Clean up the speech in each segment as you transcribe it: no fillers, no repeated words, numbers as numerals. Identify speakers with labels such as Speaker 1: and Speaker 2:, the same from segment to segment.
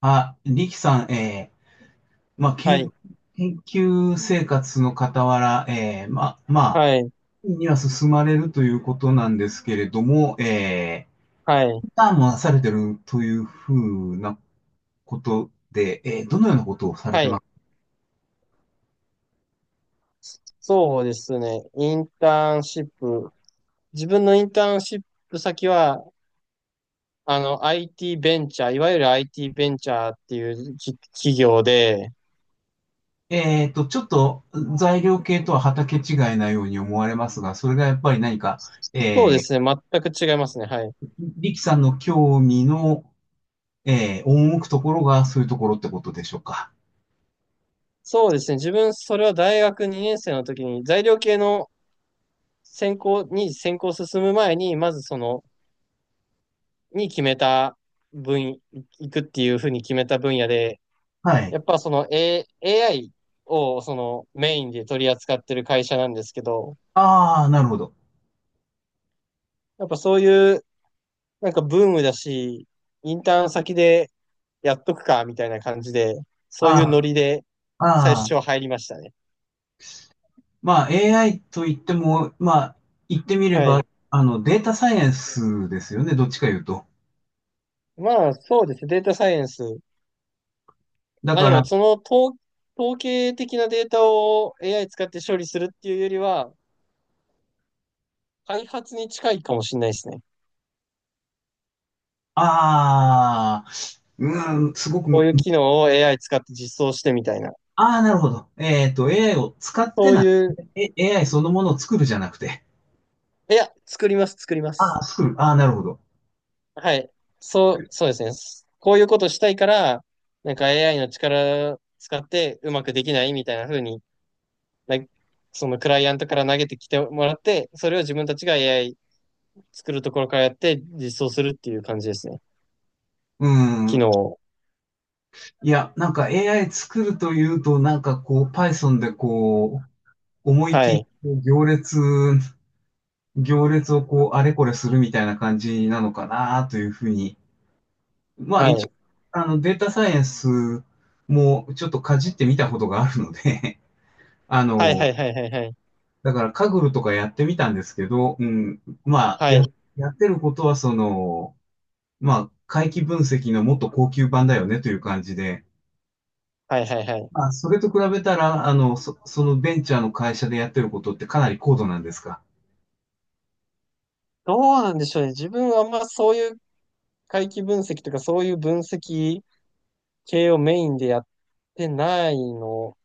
Speaker 1: あ、リキさん、まあ、
Speaker 2: はい、
Speaker 1: 研究生活の傍ら、まあ、
Speaker 2: はい、
Speaker 1: には進まれるということなんですけれども、
Speaker 2: はい、
Speaker 1: インターンもなされてるというふうなことで、どのようなことをされ
Speaker 2: は
Speaker 1: てま
Speaker 2: い。
Speaker 1: す
Speaker 2: そうですね。インターンシップ。自分のインターンシップ先は、IT ベンチャー、いわゆる IT ベンチャーっていう企業で、
Speaker 1: ？ちょっと材料系とは畑違いなように思われますが、それがやっぱり何か、
Speaker 2: そうで
Speaker 1: えー、
Speaker 2: すね。全く違いますね。はい。
Speaker 1: リキさんの興味の、赴くところがそういうところってことでしょうか。
Speaker 2: そうですね。自分、それは大学2年生の時に、材料系の専攻に進む前に、まずその、に決めた分野、行くっていうふうに決めた分野で、
Speaker 1: はい。
Speaker 2: やっぱAI をそのメインで取り扱ってる会社なんですけど、
Speaker 1: ああ、なるほど。
Speaker 2: やっぱそういうなんかブームだし、インターン先でやっとくかみたいな感じで、
Speaker 1: あ
Speaker 2: そういうノリで
Speaker 1: あ。
Speaker 2: 最
Speaker 1: ああ、
Speaker 2: 初入りましたね。
Speaker 1: まあ AI と言っても、まあ言ってみれ
Speaker 2: は
Speaker 1: ば、
Speaker 2: い。
Speaker 1: データサイエンスですよね、どっちか言うと。
Speaker 2: まあそうですね。データサイエンス。
Speaker 1: だ
Speaker 2: まあ
Speaker 1: か
Speaker 2: で
Speaker 1: ら、
Speaker 2: もその統計的なデータを AI 使って処理するっていうよりは、開発に近いかもしれないですね。
Speaker 1: ああ、うん、すごく
Speaker 2: こう
Speaker 1: む、
Speaker 2: いう機能を AI 使って実装してみたいな。
Speaker 1: ああ、なるほど。AI を使って
Speaker 2: そう
Speaker 1: な、
Speaker 2: いう、
Speaker 1: AI そのものを作るじゃなくて、
Speaker 2: いや、作ります、作りま
Speaker 1: ああ、
Speaker 2: す。
Speaker 1: 作る、ああ、なるほど。
Speaker 2: はい。そうですね。こういうことしたいから、なんか AI の力使ってうまくできないみたいな風に、なそのクライアントから投げてきてもらって、それを自分たちが AI 作るところからやって実装するっていう感じですね。
Speaker 1: う
Speaker 2: 機
Speaker 1: ん。
Speaker 2: 能を。
Speaker 1: いや、なんか AI 作るというと、なんかこう、Python でこう、思い
Speaker 2: は
Speaker 1: 切り
Speaker 2: い。
Speaker 1: こう行列、行列をこう、あれこれするみたいな感じなのかなというふうに、まあ
Speaker 2: は
Speaker 1: 一応、
Speaker 2: い。
Speaker 1: データサイエンスもちょっとかじってみたことがあるので、あ
Speaker 2: はいは
Speaker 1: の、
Speaker 2: いはいはいはい。
Speaker 1: だからカグルとかやってみたんですけど、うん、まあ、
Speaker 2: はい。
Speaker 1: やってることはその、まあ、回帰分析のもっと高級版だよねという感じで、
Speaker 2: はいはいはい。
Speaker 1: まあ、それと比べたら、そのベンチャーの会社でやってることってかなり高度なんですか。
Speaker 2: どうなんでしょうね。自分はあんまそういう回帰分析とかそういう分析系をメインでやってないの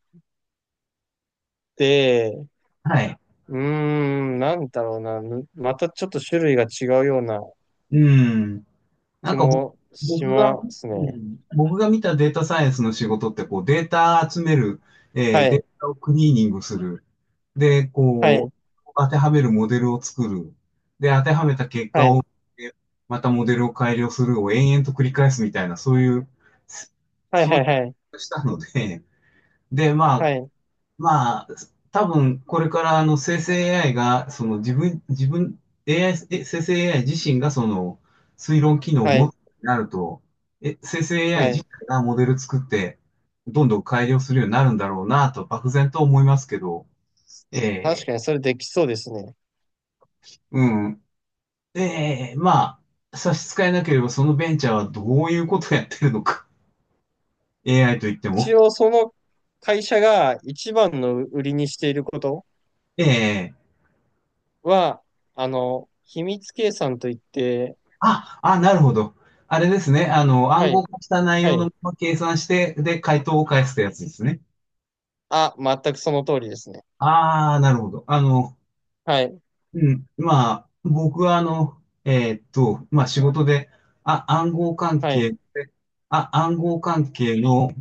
Speaker 2: で、
Speaker 1: はい。
Speaker 2: うーん、なんだろうな。また、ちょっと種類が違うような
Speaker 1: うん。な
Speaker 2: 気
Speaker 1: んか
Speaker 2: もし
Speaker 1: 僕が、
Speaker 2: ます
Speaker 1: う
Speaker 2: ね。
Speaker 1: ん、僕が見たデータサイエンスの仕事って、こう、データ集める、
Speaker 2: は
Speaker 1: デー
Speaker 2: い、
Speaker 1: タをクリーニングする。で、
Speaker 2: は
Speaker 1: こ
Speaker 2: い、
Speaker 1: う、当てはめるモデルを作る。で、当てはめた結
Speaker 2: は
Speaker 1: 果
Speaker 2: い、
Speaker 1: を、えまたモデルを改良するを延々と繰り返すみたいな、そういう、
Speaker 2: はい、
Speaker 1: そう
Speaker 2: は
Speaker 1: い
Speaker 2: い、はい、
Speaker 1: したので、で、ま
Speaker 2: は
Speaker 1: あ、
Speaker 2: い、
Speaker 1: まあ、多分これからあの生成 AI が、その自分、AI、生成 AI 自身がその推論機能を
Speaker 2: は
Speaker 1: 持つ
Speaker 2: い、
Speaker 1: ようになると、生成 AI
Speaker 2: は
Speaker 1: 自
Speaker 2: い。
Speaker 1: 体がモデル作って、どんどん改良するようになるんだろうなと、漠然と思いますけど、え
Speaker 2: 確
Speaker 1: え、
Speaker 2: かにそれできそうですね。
Speaker 1: うん。ええ、まあ、差し支えなければそのベンチャーはどういうことをやってるのか。AI といっても。
Speaker 2: 一応その会社が一番の売りにしていること
Speaker 1: ええ。
Speaker 2: は、あの、秘密計算といって、
Speaker 1: あ、あ、なるほど。あれですね。
Speaker 2: は
Speaker 1: 暗号
Speaker 2: い、
Speaker 1: 化した内
Speaker 2: は
Speaker 1: 容の
Speaker 2: い。
Speaker 1: まま計算して、で、回答を返すってやつですね。
Speaker 2: あ、全くその通りですね。
Speaker 1: ああ、なるほど。
Speaker 2: はい、
Speaker 1: うん。まあ、僕はまあ仕事で、あ、暗号関
Speaker 2: は
Speaker 1: 係
Speaker 2: い、
Speaker 1: で、あ、暗号関係の、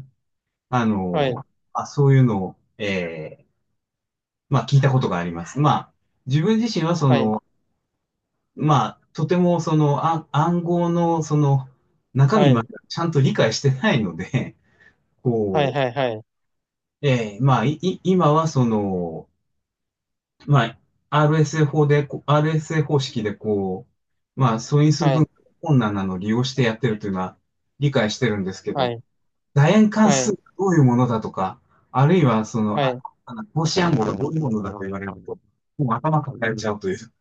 Speaker 1: あ
Speaker 2: はい、
Speaker 1: の、あ、そういうのを、まあ聞いたことがあります。まあ、自分自身はそ
Speaker 2: はい、
Speaker 1: の、まあ、とてもその、あ、暗号のその、中
Speaker 2: は
Speaker 1: 身まで
Speaker 2: い、
Speaker 1: ちゃんと理解してないので、
Speaker 2: はい、
Speaker 1: こう、
Speaker 2: はい、はい、
Speaker 1: ええ、まあ、今はその、まあ、RSA 法でこう、RSA 方式でこう、まあ、素因数
Speaker 2: は
Speaker 1: 分
Speaker 2: い、
Speaker 1: 解困難なのを利用してやってるというのは理解してるんですけ
Speaker 2: はい、は
Speaker 1: ど、
Speaker 2: い、
Speaker 1: 楕円関
Speaker 2: は
Speaker 1: 数
Speaker 2: い、
Speaker 1: がどういうものだとか、あるいはその、
Speaker 2: は
Speaker 1: あ、
Speaker 2: い。
Speaker 1: あの格子暗号がどういうものだと言われると、もう頭抱えちゃうという。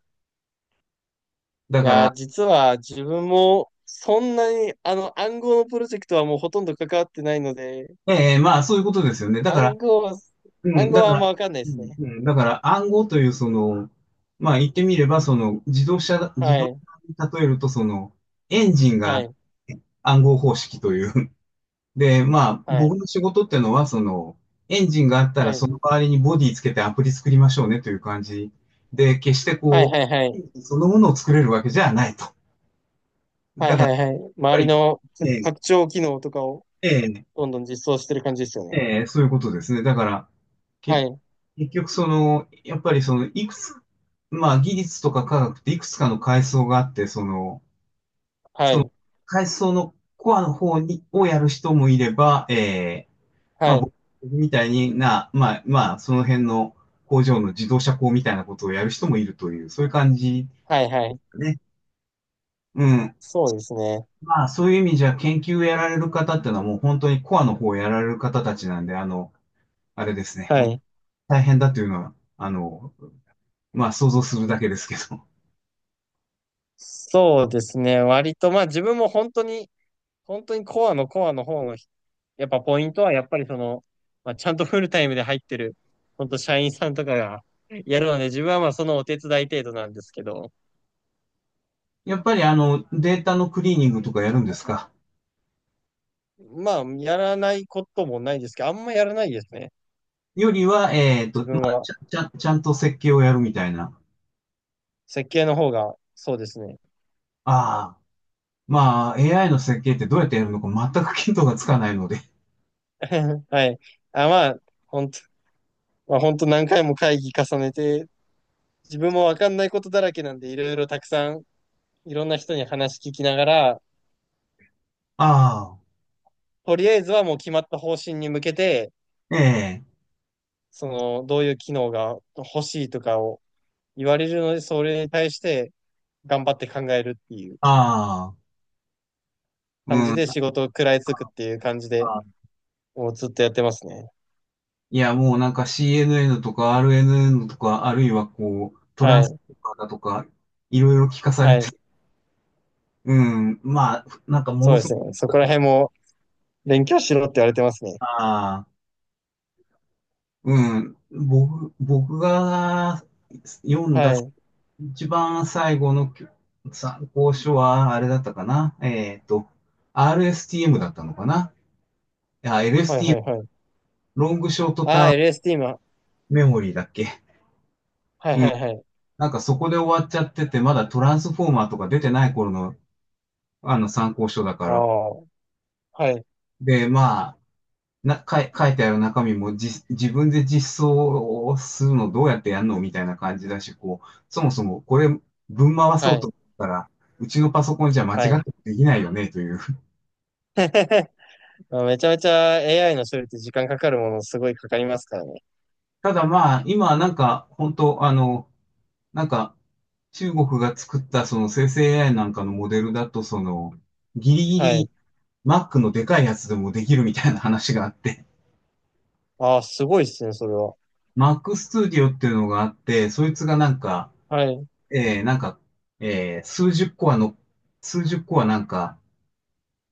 Speaker 2: い
Speaker 1: だか
Speaker 2: やー、
Speaker 1: ら、
Speaker 2: 実は自分もそんなにあの暗号のプロジェクトはもうほとんど関わってないので、
Speaker 1: ええ、まあ、そういうことですよね。だから、
Speaker 2: 暗号は、
Speaker 1: う
Speaker 2: 暗
Speaker 1: ん、
Speaker 2: 号
Speaker 1: だ
Speaker 2: は
Speaker 1: か
Speaker 2: あんま
Speaker 1: ら、
Speaker 2: わかんない
Speaker 1: う
Speaker 2: です
Speaker 1: ん。
Speaker 2: ね。
Speaker 1: うん、だから暗号というその、まあ言ってみればその自
Speaker 2: は
Speaker 1: 動
Speaker 2: い、
Speaker 1: 車に例えるとそのエンジン
Speaker 2: は
Speaker 1: が
Speaker 2: い、
Speaker 1: 暗号方式という。で、まあ
Speaker 2: は
Speaker 1: 僕
Speaker 2: い、
Speaker 1: の仕事ってのはそのエンジンがあった
Speaker 2: は
Speaker 1: ら
Speaker 2: い、
Speaker 1: その代わりにボディつけてアプリ作りましょうねという感じで、決して
Speaker 2: はい、
Speaker 1: こ
Speaker 2: はい、は
Speaker 1: う、エ
Speaker 2: い、
Speaker 1: ンジンそのものを作れるわけじゃないと。
Speaker 2: は
Speaker 1: だか
Speaker 2: い、
Speaker 1: らやっ
Speaker 2: はい、はい。周
Speaker 1: ぱ
Speaker 2: り
Speaker 1: り、
Speaker 2: の
Speaker 1: ええ
Speaker 2: 拡張機能とかを
Speaker 1: ええ
Speaker 2: どんどん実装してる感じですよね。
Speaker 1: ええ、そういうことですね。だから、
Speaker 2: は
Speaker 1: け、
Speaker 2: い、
Speaker 1: 結局その、やっぱりその、いくつ、まあ技術とか科学っていくつかの階層があって、その、
Speaker 2: はい、
Speaker 1: 階層のコアの方に、をやる人もいれば、ええ、ま
Speaker 2: は
Speaker 1: あ
Speaker 2: い、
Speaker 1: 僕みたいにな、まあその辺の工場の自動車工みたいなことをやる人もいるという、そういう感じ
Speaker 2: はい、はい。
Speaker 1: ね。うん。
Speaker 2: そうですね。
Speaker 1: まあそういう意味じゃ研究をやられる方っていうのはもう本当にコアの方をやられる方たちなんで、あれですね。
Speaker 2: はい。
Speaker 1: 大変だというのは、まあ想像するだけですけど。
Speaker 2: そうですね。割と、まあ自分も本当に本当にコアのコアの方の、やっぱポイントはやっぱりその、まあ、ちゃんとフルタイムで入ってる、本当社員さんとかがやるので、自分はまあそのお手伝い程度なんですけど、
Speaker 1: やっぱりデータのクリーニングとかやるんですか？
Speaker 2: まあやらないこともないですけど、あんまやらないですね。
Speaker 1: よりは、
Speaker 2: 自
Speaker 1: ま
Speaker 2: 分
Speaker 1: あ、
Speaker 2: は
Speaker 1: ちゃんと設計をやるみたいな。
Speaker 2: 設計の方が、そうですね。
Speaker 1: ああ、まあ AI の設計ってどうやってやるのか全く見当がつかないので。
Speaker 2: はい。あ、まあ、本当、まあ本当何回も会議重ねて、自分もわかんないことだらけなんで、いろいろたくさん、いろんな人に話聞きながら、
Speaker 1: あ
Speaker 2: とりあえずはもう決まった方針に向けて、
Speaker 1: あ、ええ、
Speaker 2: その、どういう機能が欲しいとかを言われるので、それに対して頑張って考えるっていう
Speaker 1: ああ、
Speaker 2: 感じ
Speaker 1: うん。
Speaker 2: で仕事を食らいつくっていう感じで、
Speaker 1: あ
Speaker 2: もうずっとやってますね。
Speaker 1: いや、もうなんか CNN とか RNN とか、あるいはこう、トラ
Speaker 2: は
Speaker 1: ンス
Speaker 2: い。
Speaker 1: とかだとか、いろいろ聞かされ
Speaker 2: はい。
Speaker 1: て、うん、まあ、なんかも
Speaker 2: そう
Speaker 1: の
Speaker 2: で
Speaker 1: すごく、
Speaker 2: すね。そこら辺も勉強しろって言われてますね。
Speaker 1: ああ、うん、僕が読ん
Speaker 2: は
Speaker 1: だ
Speaker 2: い。
Speaker 1: 一番最後の参考書は、あれだったかな、RSTM だったのかな、いや、
Speaker 2: はいはいは
Speaker 1: LSTM、
Speaker 2: い。
Speaker 1: ロングショートタ
Speaker 2: あ
Speaker 1: ー
Speaker 2: あ、
Speaker 1: ム
Speaker 2: LST も。
Speaker 1: メモリーだっけ。
Speaker 2: はいはいはい。
Speaker 1: なんかそこで終わっちゃってて、まだトランスフォーマーとか出てない頃のあの参考書だか
Speaker 2: あ
Speaker 1: ら。
Speaker 2: あ、はい。
Speaker 1: で、まあ、な、かい、書いてある中身も自分で実装をするのどうやってやるのみたいな感じだし、こう、そもそもこれ、ぶん回
Speaker 2: は
Speaker 1: そうと
Speaker 2: い。
Speaker 1: 思ったら、うちのパソコンじゃ間違
Speaker 2: は
Speaker 1: っ
Speaker 2: い。
Speaker 1: てできないよね、という。
Speaker 2: めちゃめちゃ AI の処理って時間かかる、ものすごいかかりますからね。
Speaker 1: ただまあ、今はなんか、本当なんか、中国が作ったその生成 AI なんかのモデルだと、その、ギリギ
Speaker 2: はい。
Speaker 1: リ Mac のでかいやつでもできるみたいな話があって、
Speaker 2: ああ、すごいっすね、それは。
Speaker 1: Mac Studio っていうのがあって、そいつがなんか、
Speaker 2: はい。
Speaker 1: なんか、数十コアの、数十コアなんか、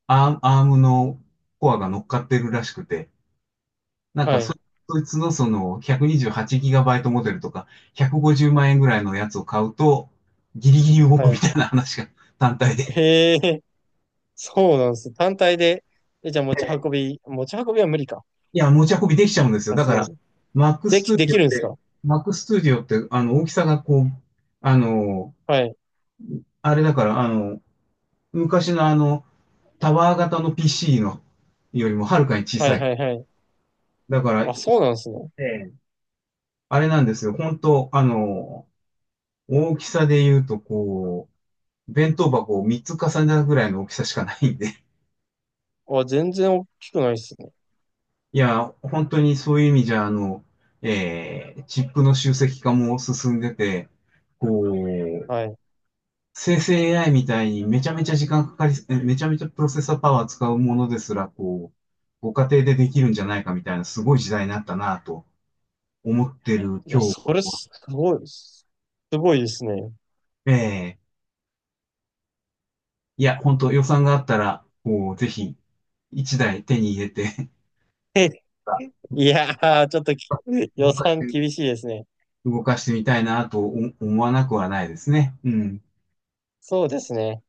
Speaker 1: アームのコアが乗っかってるらしくて、なんか
Speaker 2: はい。
Speaker 1: そいつのその 128GB モデルとか、150万円ぐらいのやつを買うと、ギリギリ動
Speaker 2: は
Speaker 1: くみ
Speaker 2: い。
Speaker 1: たいな話が 単体で。
Speaker 2: へえ。そうなんです。単体で、じゃあ持ち運びは無理か。
Speaker 1: いや、持ち運びできちゃうんですよ。
Speaker 2: さ
Speaker 1: だ
Speaker 2: す
Speaker 1: か
Speaker 2: が
Speaker 1: ら、
Speaker 2: に。
Speaker 1: Mac
Speaker 2: でき、で
Speaker 1: Studio
Speaker 2: き
Speaker 1: っ
Speaker 2: るんです
Speaker 1: て、
Speaker 2: か？
Speaker 1: Mac Studio って、大きさがこう、あの、
Speaker 2: はい。
Speaker 1: あれだから、昔のタワー型の PC のよりもはるかに小
Speaker 2: は
Speaker 1: さ
Speaker 2: い
Speaker 1: い。
Speaker 2: はいはい。
Speaker 1: だから、
Speaker 2: あ、
Speaker 1: え
Speaker 2: そうなんですね。
Speaker 1: え、あれなんですよ。本当大きさで言うと、こう、弁当箱を3つ重ねたぐらいの大きさしかないんで。
Speaker 2: あ、全然大きくないですね。
Speaker 1: いや、本当にそういう意味じゃ、チップの集積化も進んでて、こう、
Speaker 2: はい。
Speaker 1: 生成 AI みたいにめちゃめちゃ時間かかり、めちゃめちゃプロセッサーパワー使うものですら、こう、ご家庭でできるんじゃないかみたいな、すごい時代になったなぁと思ってる
Speaker 2: いや、
Speaker 1: 今日、
Speaker 2: それすごいです。すごいですね。
Speaker 1: ええいや、本当予算があったら、もうぜひ、一台手に入れて
Speaker 2: いやー、ちょっと
Speaker 1: 動
Speaker 2: 予
Speaker 1: かし
Speaker 2: 算
Speaker 1: て、
Speaker 2: 厳しいですね。
Speaker 1: みたいなと思わなくはないですね。うん。
Speaker 2: そうですね。